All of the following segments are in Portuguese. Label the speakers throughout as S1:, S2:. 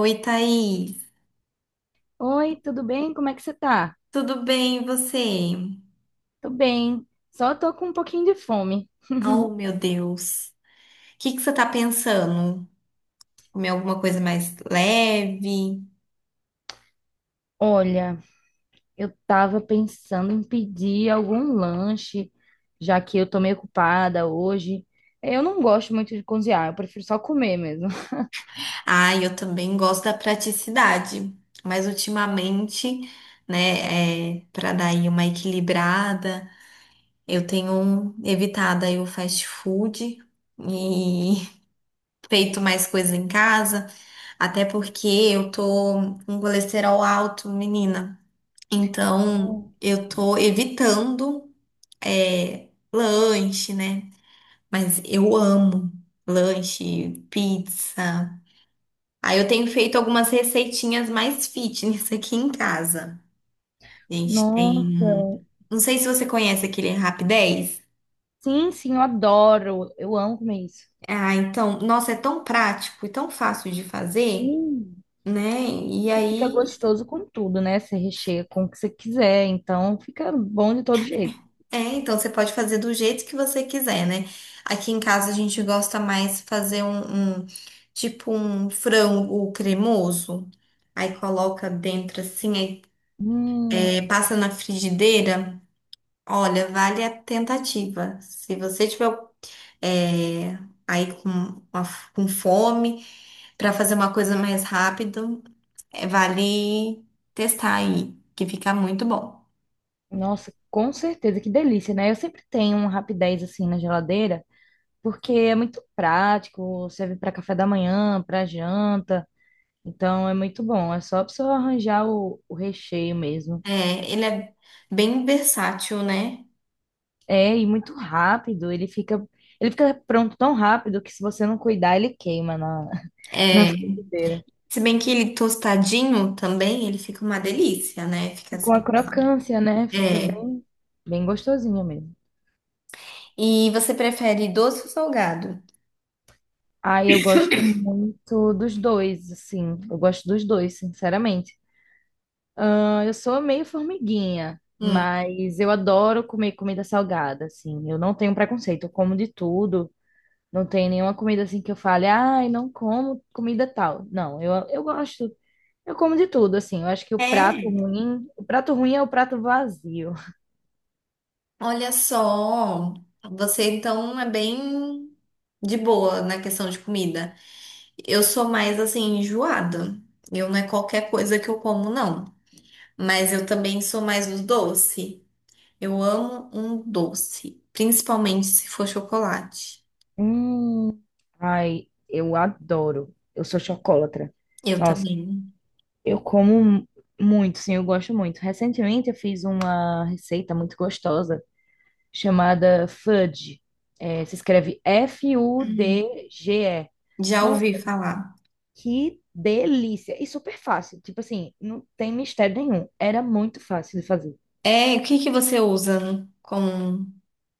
S1: Oi, Thaís.
S2: Oi, tudo bem? Como é que você tá?
S1: Tudo bem, e você?
S2: Tô bem, só tô com um pouquinho de fome.
S1: Oh, meu Deus. O que que você tá pensando? Comer alguma coisa mais leve?
S2: Olha, eu tava pensando em pedir algum lanche, já que eu tô meio ocupada hoje. Eu não gosto muito de cozinhar, eu prefiro só comer mesmo.
S1: Ah, eu também gosto da praticidade, mas ultimamente, né, para dar aí uma equilibrada, eu tenho evitado aí o fast food e feito mais coisa em casa, até porque eu tô com colesterol alto, menina. Então,
S2: Não.
S1: eu tô evitando lanche, né? Mas eu amo lanche, pizza. Aí eu tenho feito algumas receitinhas mais fitness aqui em casa. A gente
S2: Nossa,
S1: tem. Não sei se você conhece aquele Rapidez.
S2: sim, sim, eu adoro, eu amo comer isso.
S1: Ah, então, nossa, é tão prático e tão fácil de fazer,
S2: Hum.
S1: né? E
S2: E fica
S1: aí
S2: gostoso com tudo, né? Você recheia com o que você quiser, então fica bom de todo jeito.
S1: é, então você pode fazer do jeito que você quiser, né? Aqui em casa a gente gosta mais fazer tipo um frango cremoso. Aí coloca dentro assim, aí,
S2: Hum.
S1: passa na frigideira. Olha, vale a tentativa. Se você tiver é, aí com, com fome para fazer uma coisa mais rápido, vale testar aí, que fica muito bom.
S2: Nossa, com certeza, que delícia, né? Eu sempre tenho um Rapidez assim na geladeira, porque é muito prático, serve para café da manhã, para janta, então é muito bom. É só pra você arranjar o recheio mesmo.
S1: Ele é bem versátil, né?
S2: É, e muito rápido, ele fica pronto tão rápido que se você não cuidar, ele queima na, na
S1: É.
S2: frigideira.
S1: Se bem que ele tostadinho também, ele fica uma delícia, né? Fica
S2: E com a
S1: assim.
S2: crocância, né? Fica
S1: É.
S2: bem, bem gostosinho mesmo.
S1: E você prefere doce ou salgado?
S2: Ah, eu gosto muito dos dois, assim. Eu gosto dos dois, sinceramente. Ah, eu sou meio formiguinha,
S1: Hum.
S2: mas eu adoro comer comida salgada, assim. Eu não tenho preconceito, eu como de tudo. Não tem nenhuma comida assim que eu fale, ai, não como comida tal. Não, eu gosto, eu como de tudo, assim. Eu acho que
S1: É,
S2: o prato ruim é o prato vazio.
S1: olha só. Você então é bem de boa na questão de comida. Eu sou mais assim, enjoada. Eu não é qualquer coisa que eu como, não. Mas eu também sou mais do doce. Eu amo um doce, principalmente se for chocolate.
S2: Hum, ai, eu adoro. Eu sou chocolatra.
S1: Eu
S2: Nossa,
S1: também.
S2: eu como muito, sim, eu gosto muito. Recentemente eu fiz uma receita muito gostosa chamada Fudge. É, se escreve
S1: Hum.
S2: Fudge.
S1: Já
S2: Nossa,
S1: ouvi falar.
S2: que delícia! E super fácil. Tipo assim, não tem mistério nenhum. Era muito fácil de fazer.
S1: É, o que que você usa com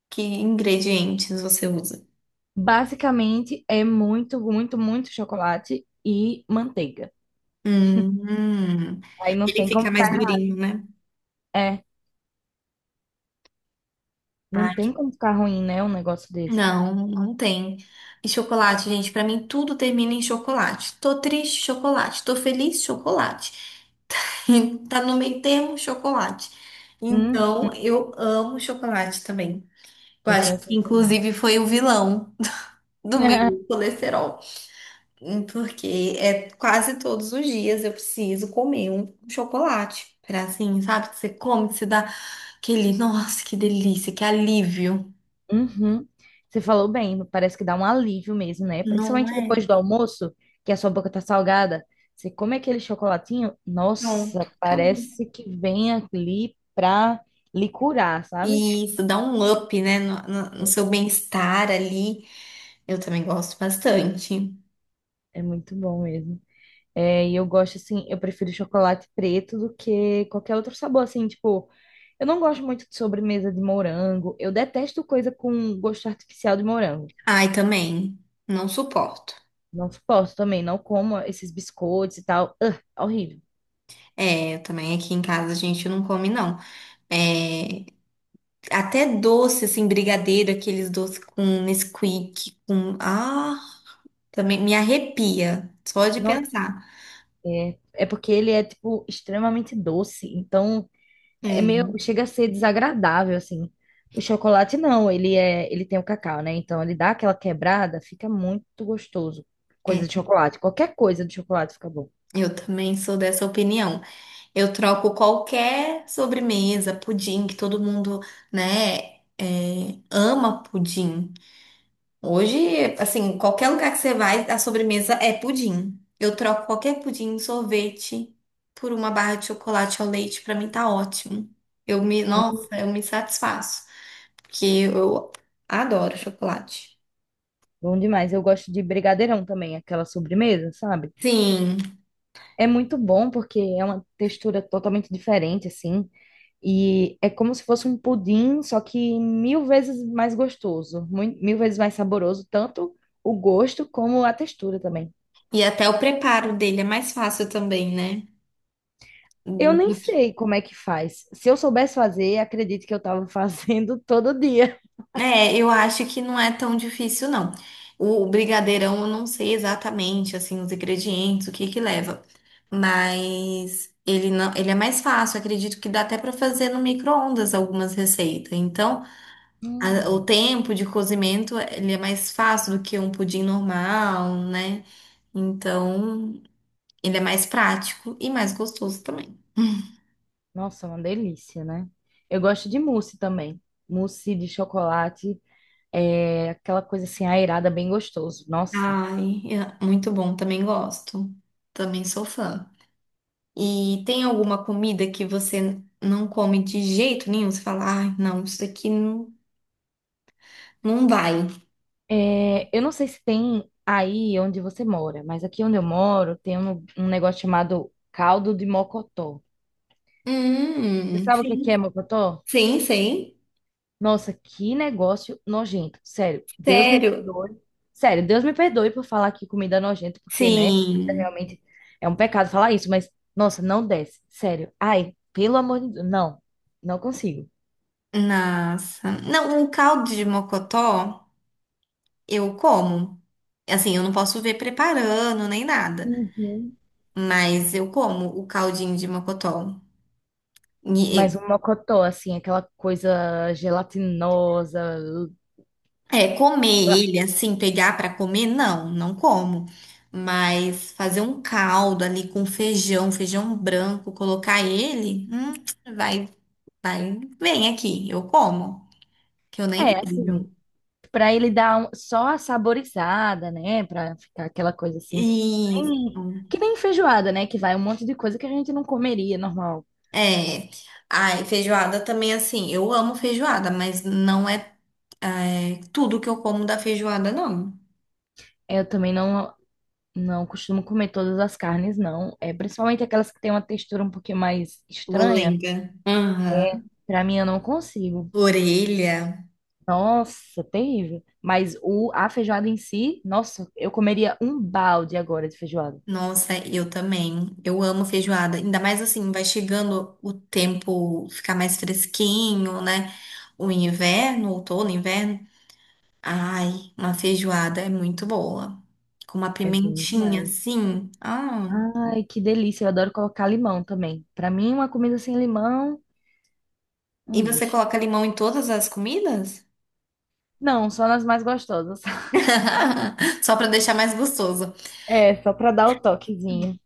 S1: que ingredientes você usa?
S2: Basicamente, é muito, muito, muito chocolate e manteiga.
S1: Hum, hum.
S2: Aí não
S1: Ele
S2: tem como
S1: fica mais
S2: ficar.
S1: durinho, né?
S2: É, não
S1: Ah,
S2: tem como ficar ruim, né? Um negócio desse.
S1: não, não tem. E chocolate, gente, pra mim tudo termina em chocolate. Tô triste, chocolate. Tô feliz, chocolate. Tá no meio termo, chocolate.
S2: Hum,
S1: Então, eu amo chocolate também. Eu
S2: eu sou
S1: acho que
S2: assim também.
S1: inclusive foi o vilão do meu colesterol. Hum. Porque é quase todos os dias eu preciso comer um chocolate. Pra assim, sabe? Que você come, que você dá aquele, nossa, que delícia, que alívio.
S2: Uhum. Você falou bem, parece que dá um alívio mesmo, né?
S1: Não
S2: Principalmente
S1: é?
S2: depois do almoço, que a sua boca tá salgada. Você come aquele chocolatinho,
S1: Pronto,
S2: nossa,
S1: acabou.
S2: parece que vem ali pra lhe curar, sabe?
S1: E isso dá um up, né? No seu bem-estar ali. Eu também gosto bastante.
S2: É muito bom mesmo. É, e eu gosto assim, eu prefiro chocolate preto do que qualquer outro sabor, assim, tipo, eu não gosto muito de sobremesa de morango, eu detesto coisa com gosto artificial de morango.
S1: Ai, também. Não suporto.
S2: Não suporto também, não como esses biscoitos e tal. Ugh, horrível.
S1: É, eu também aqui em casa a gente não come, não. É, até doce, assim, brigadeiro, aqueles doces com Nesquik, com, ah, também me arrepia, só de pensar.
S2: É, é porque ele é, tipo, extremamente doce. Então, é
S1: É,
S2: meio, chega a ser desagradável, assim. O chocolate não, ele é, ele tem o cacau, né? Então, ele dá aquela quebrada, fica muito gostoso. Coisa
S1: é,
S2: de chocolate, qualquer coisa de chocolate fica bom.
S1: eu também sou dessa opinião. Eu troco qualquer sobremesa, pudim, que todo mundo, né, ama pudim. Hoje, assim, qualquer lugar que você vai, a sobremesa é pudim. Eu troco qualquer pudim, sorvete, por uma barra de chocolate ao leite, pra mim tá ótimo. Nossa,
S2: Hum,
S1: eu me satisfaço, porque eu adoro chocolate.
S2: bom demais. Eu gosto de brigadeirão também, aquela sobremesa, sabe?
S1: Sim.
S2: É muito bom porque é uma textura totalmente diferente, assim. E é como se fosse um pudim, só que mil vezes mais gostoso, mil vezes mais saboroso, tanto o gosto como a textura também.
S1: E até o preparo dele é mais fácil também, né?
S2: Eu nem
S1: Do que...
S2: sei como é que faz. Se eu soubesse fazer, acredito que eu estava fazendo todo dia.
S1: É, eu acho que não é tão difícil, não. O brigadeirão eu não sei exatamente, assim, os ingredientes, o que que leva. Mas ele não, ele é mais fácil, acredito que dá até para fazer no micro-ondas algumas receitas. Então, a- o
S2: Hum,
S1: tempo de cozimento, ele é mais fácil do que um pudim normal, né? Então, ele é mais prático e mais gostoso também.
S2: nossa, uma delícia, né? Eu gosto de mousse também. Mousse de chocolate, é aquela coisa assim aerada, bem gostoso. Nossa.
S1: Ai, é muito bom, também gosto. Também sou fã. E tem alguma comida que você não come de jeito nenhum? Você fala, ai, não, isso aqui não, não vai.
S2: É, eu não sei se tem aí onde você mora, mas aqui onde eu moro tem um negócio chamado caldo de mocotó. Você sabe o que que
S1: Sim.
S2: é mocotó?
S1: Sim, sim.
S2: Nossa, que negócio nojento. Sério, Deus me
S1: Sério?
S2: perdoe. Sério, Deus me perdoe por falar que comida é nojento, porque, né, comida
S1: Sim.
S2: realmente é um pecado falar isso, mas, nossa, não desce. Sério. Ai, pelo amor de Deus. Não, não consigo.
S1: Nossa. Não, um caldo de mocotó eu como. Assim, eu não posso ver preparando nem nada,
S2: Uhum.
S1: mas eu como o caldinho de mocotó.
S2: Mas um mocotó, assim, aquela coisa gelatinosa.
S1: É, comer
S2: Ah.
S1: ele assim, pegar pra comer, não, não como. Mas fazer um caldo ali com feijão, feijão branco, colocar ele, vai, vai, vem aqui, eu como, que eu nem
S2: É,
S1: vejo.
S2: assim, para ele dar um- só a saborizada, né? Para ficar aquela coisa assim,
S1: Isso.
S2: que nem feijoada, né? Que vai um monte de coisa que a gente não comeria normal.
S1: É. Ai, feijoada também assim, eu amo feijoada, mas não é, tudo que eu como da feijoada, não.
S2: Eu também não costumo comer todas as carnes, não. É principalmente aquelas que têm uma textura um pouquinho mais estranha.
S1: Molenga. Aham.
S2: Para mim, eu não consigo.
S1: Orelha.
S2: Nossa, terrível. Mas o a feijoada em si, nossa, eu comeria um balde agora de feijoada.
S1: Nossa, eu também. Eu amo feijoada. Ainda mais assim, vai chegando o tempo ficar mais fresquinho, né? O inverno, outono, inverno. Ai, uma feijoada é muito boa. Com uma
S2: É bem
S1: pimentinha,
S2: demais.
S1: assim. Ah.
S2: Ai, que delícia. Eu adoro colocar limão também. Para mim, uma comida sem limão não
S1: E você
S2: existe.
S1: coloca limão em todas as comidas?
S2: Não, só nas mais gostosas.
S1: Só pra deixar mais gostoso.
S2: É, só pra dar o toquezinho.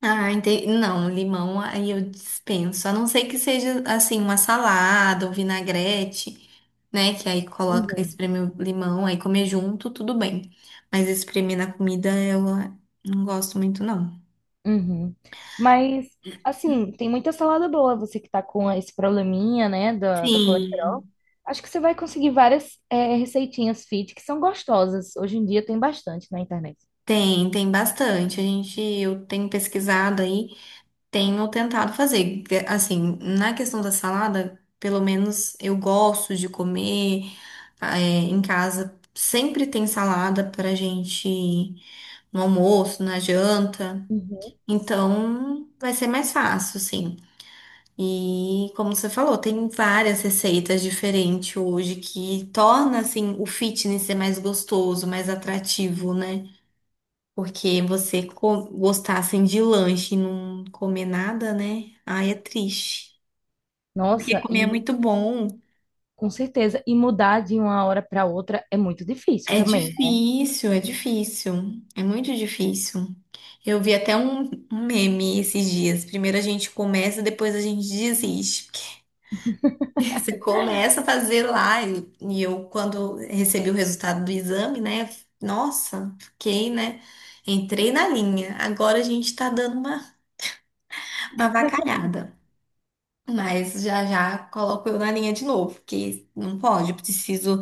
S1: Ah, entendi. Não, limão aí eu dispenso. A não ser que seja assim, uma salada ou vinagrete, né? Que aí coloca,
S2: Uhum,
S1: espreme o limão, aí comer junto, tudo bem. Mas espremer na comida eu não gosto muito, não.
S2: uhum. Mas, assim, tem muita salada boa. Você que tá com esse probleminha, né, do
S1: Sim.
S2: colesterol. Acho que você vai conseguir várias receitinhas fit que são gostosas. Hoje em dia tem bastante na internet.
S1: Tem, tem bastante. A gente, eu tenho pesquisado aí, tenho tentado fazer. Assim, na questão da salada, pelo menos eu gosto de comer, eh, em casa. Sempre tem salada pra gente, no almoço, na janta.
S2: Uhum.
S1: Então, vai ser mais fácil, sim. E como você falou, tem várias receitas diferentes hoje que torna assim o fitness ser mais gostoso, mais atrativo, né? Porque você co- gostar assim de lanche e não comer nada, né? Ai, é triste. Porque
S2: Nossa,
S1: comer
S2: e
S1: é muito bom.
S2: com certeza. E mudar de uma hora pra outra é muito difícil
S1: É
S2: também, né?
S1: difícil, é difícil. É muito difícil. Eu vi até um meme esses dias. Primeiro a gente começa, depois a gente desiste. Porque você começa a fazer lá. E eu, quando recebi o resultado do exame, né? Nossa, fiquei, né? Entrei na linha. Agora a gente tá dando uma avacalhada. Mas já já coloco eu na linha de novo. Porque não pode, eu preciso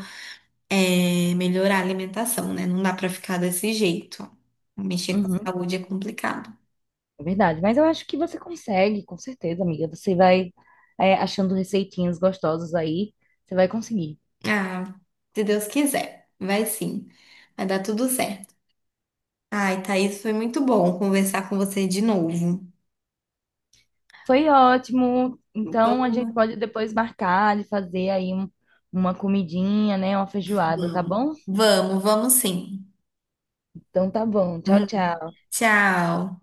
S1: melhorar a alimentação, né? Não dá pra ficar desse jeito. Mexer com a
S2: Uhum.
S1: saúde é complicado.
S2: É verdade, mas eu acho que você consegue, com certeza, amiga. Você vai, achando receitinhas gostosas aí, você vai conseguir.
S1: Ah, se Deus quiser, vai sim. Vai dar tudo certo. Ai, Thaís, foi muito bom conversar com você de novo.
S2: Foi ótimo.
S1: Então,
S2: Então a gente pode depois marcar de fazer uma comidinha, né? Uma feijoada, tá
S1: vamos,
S2: bom?
S1: vamos, vamos sim.
S2: Então tá bom. Tchau,
S1: Uhum.
S2: tchau.
S1: Tchau.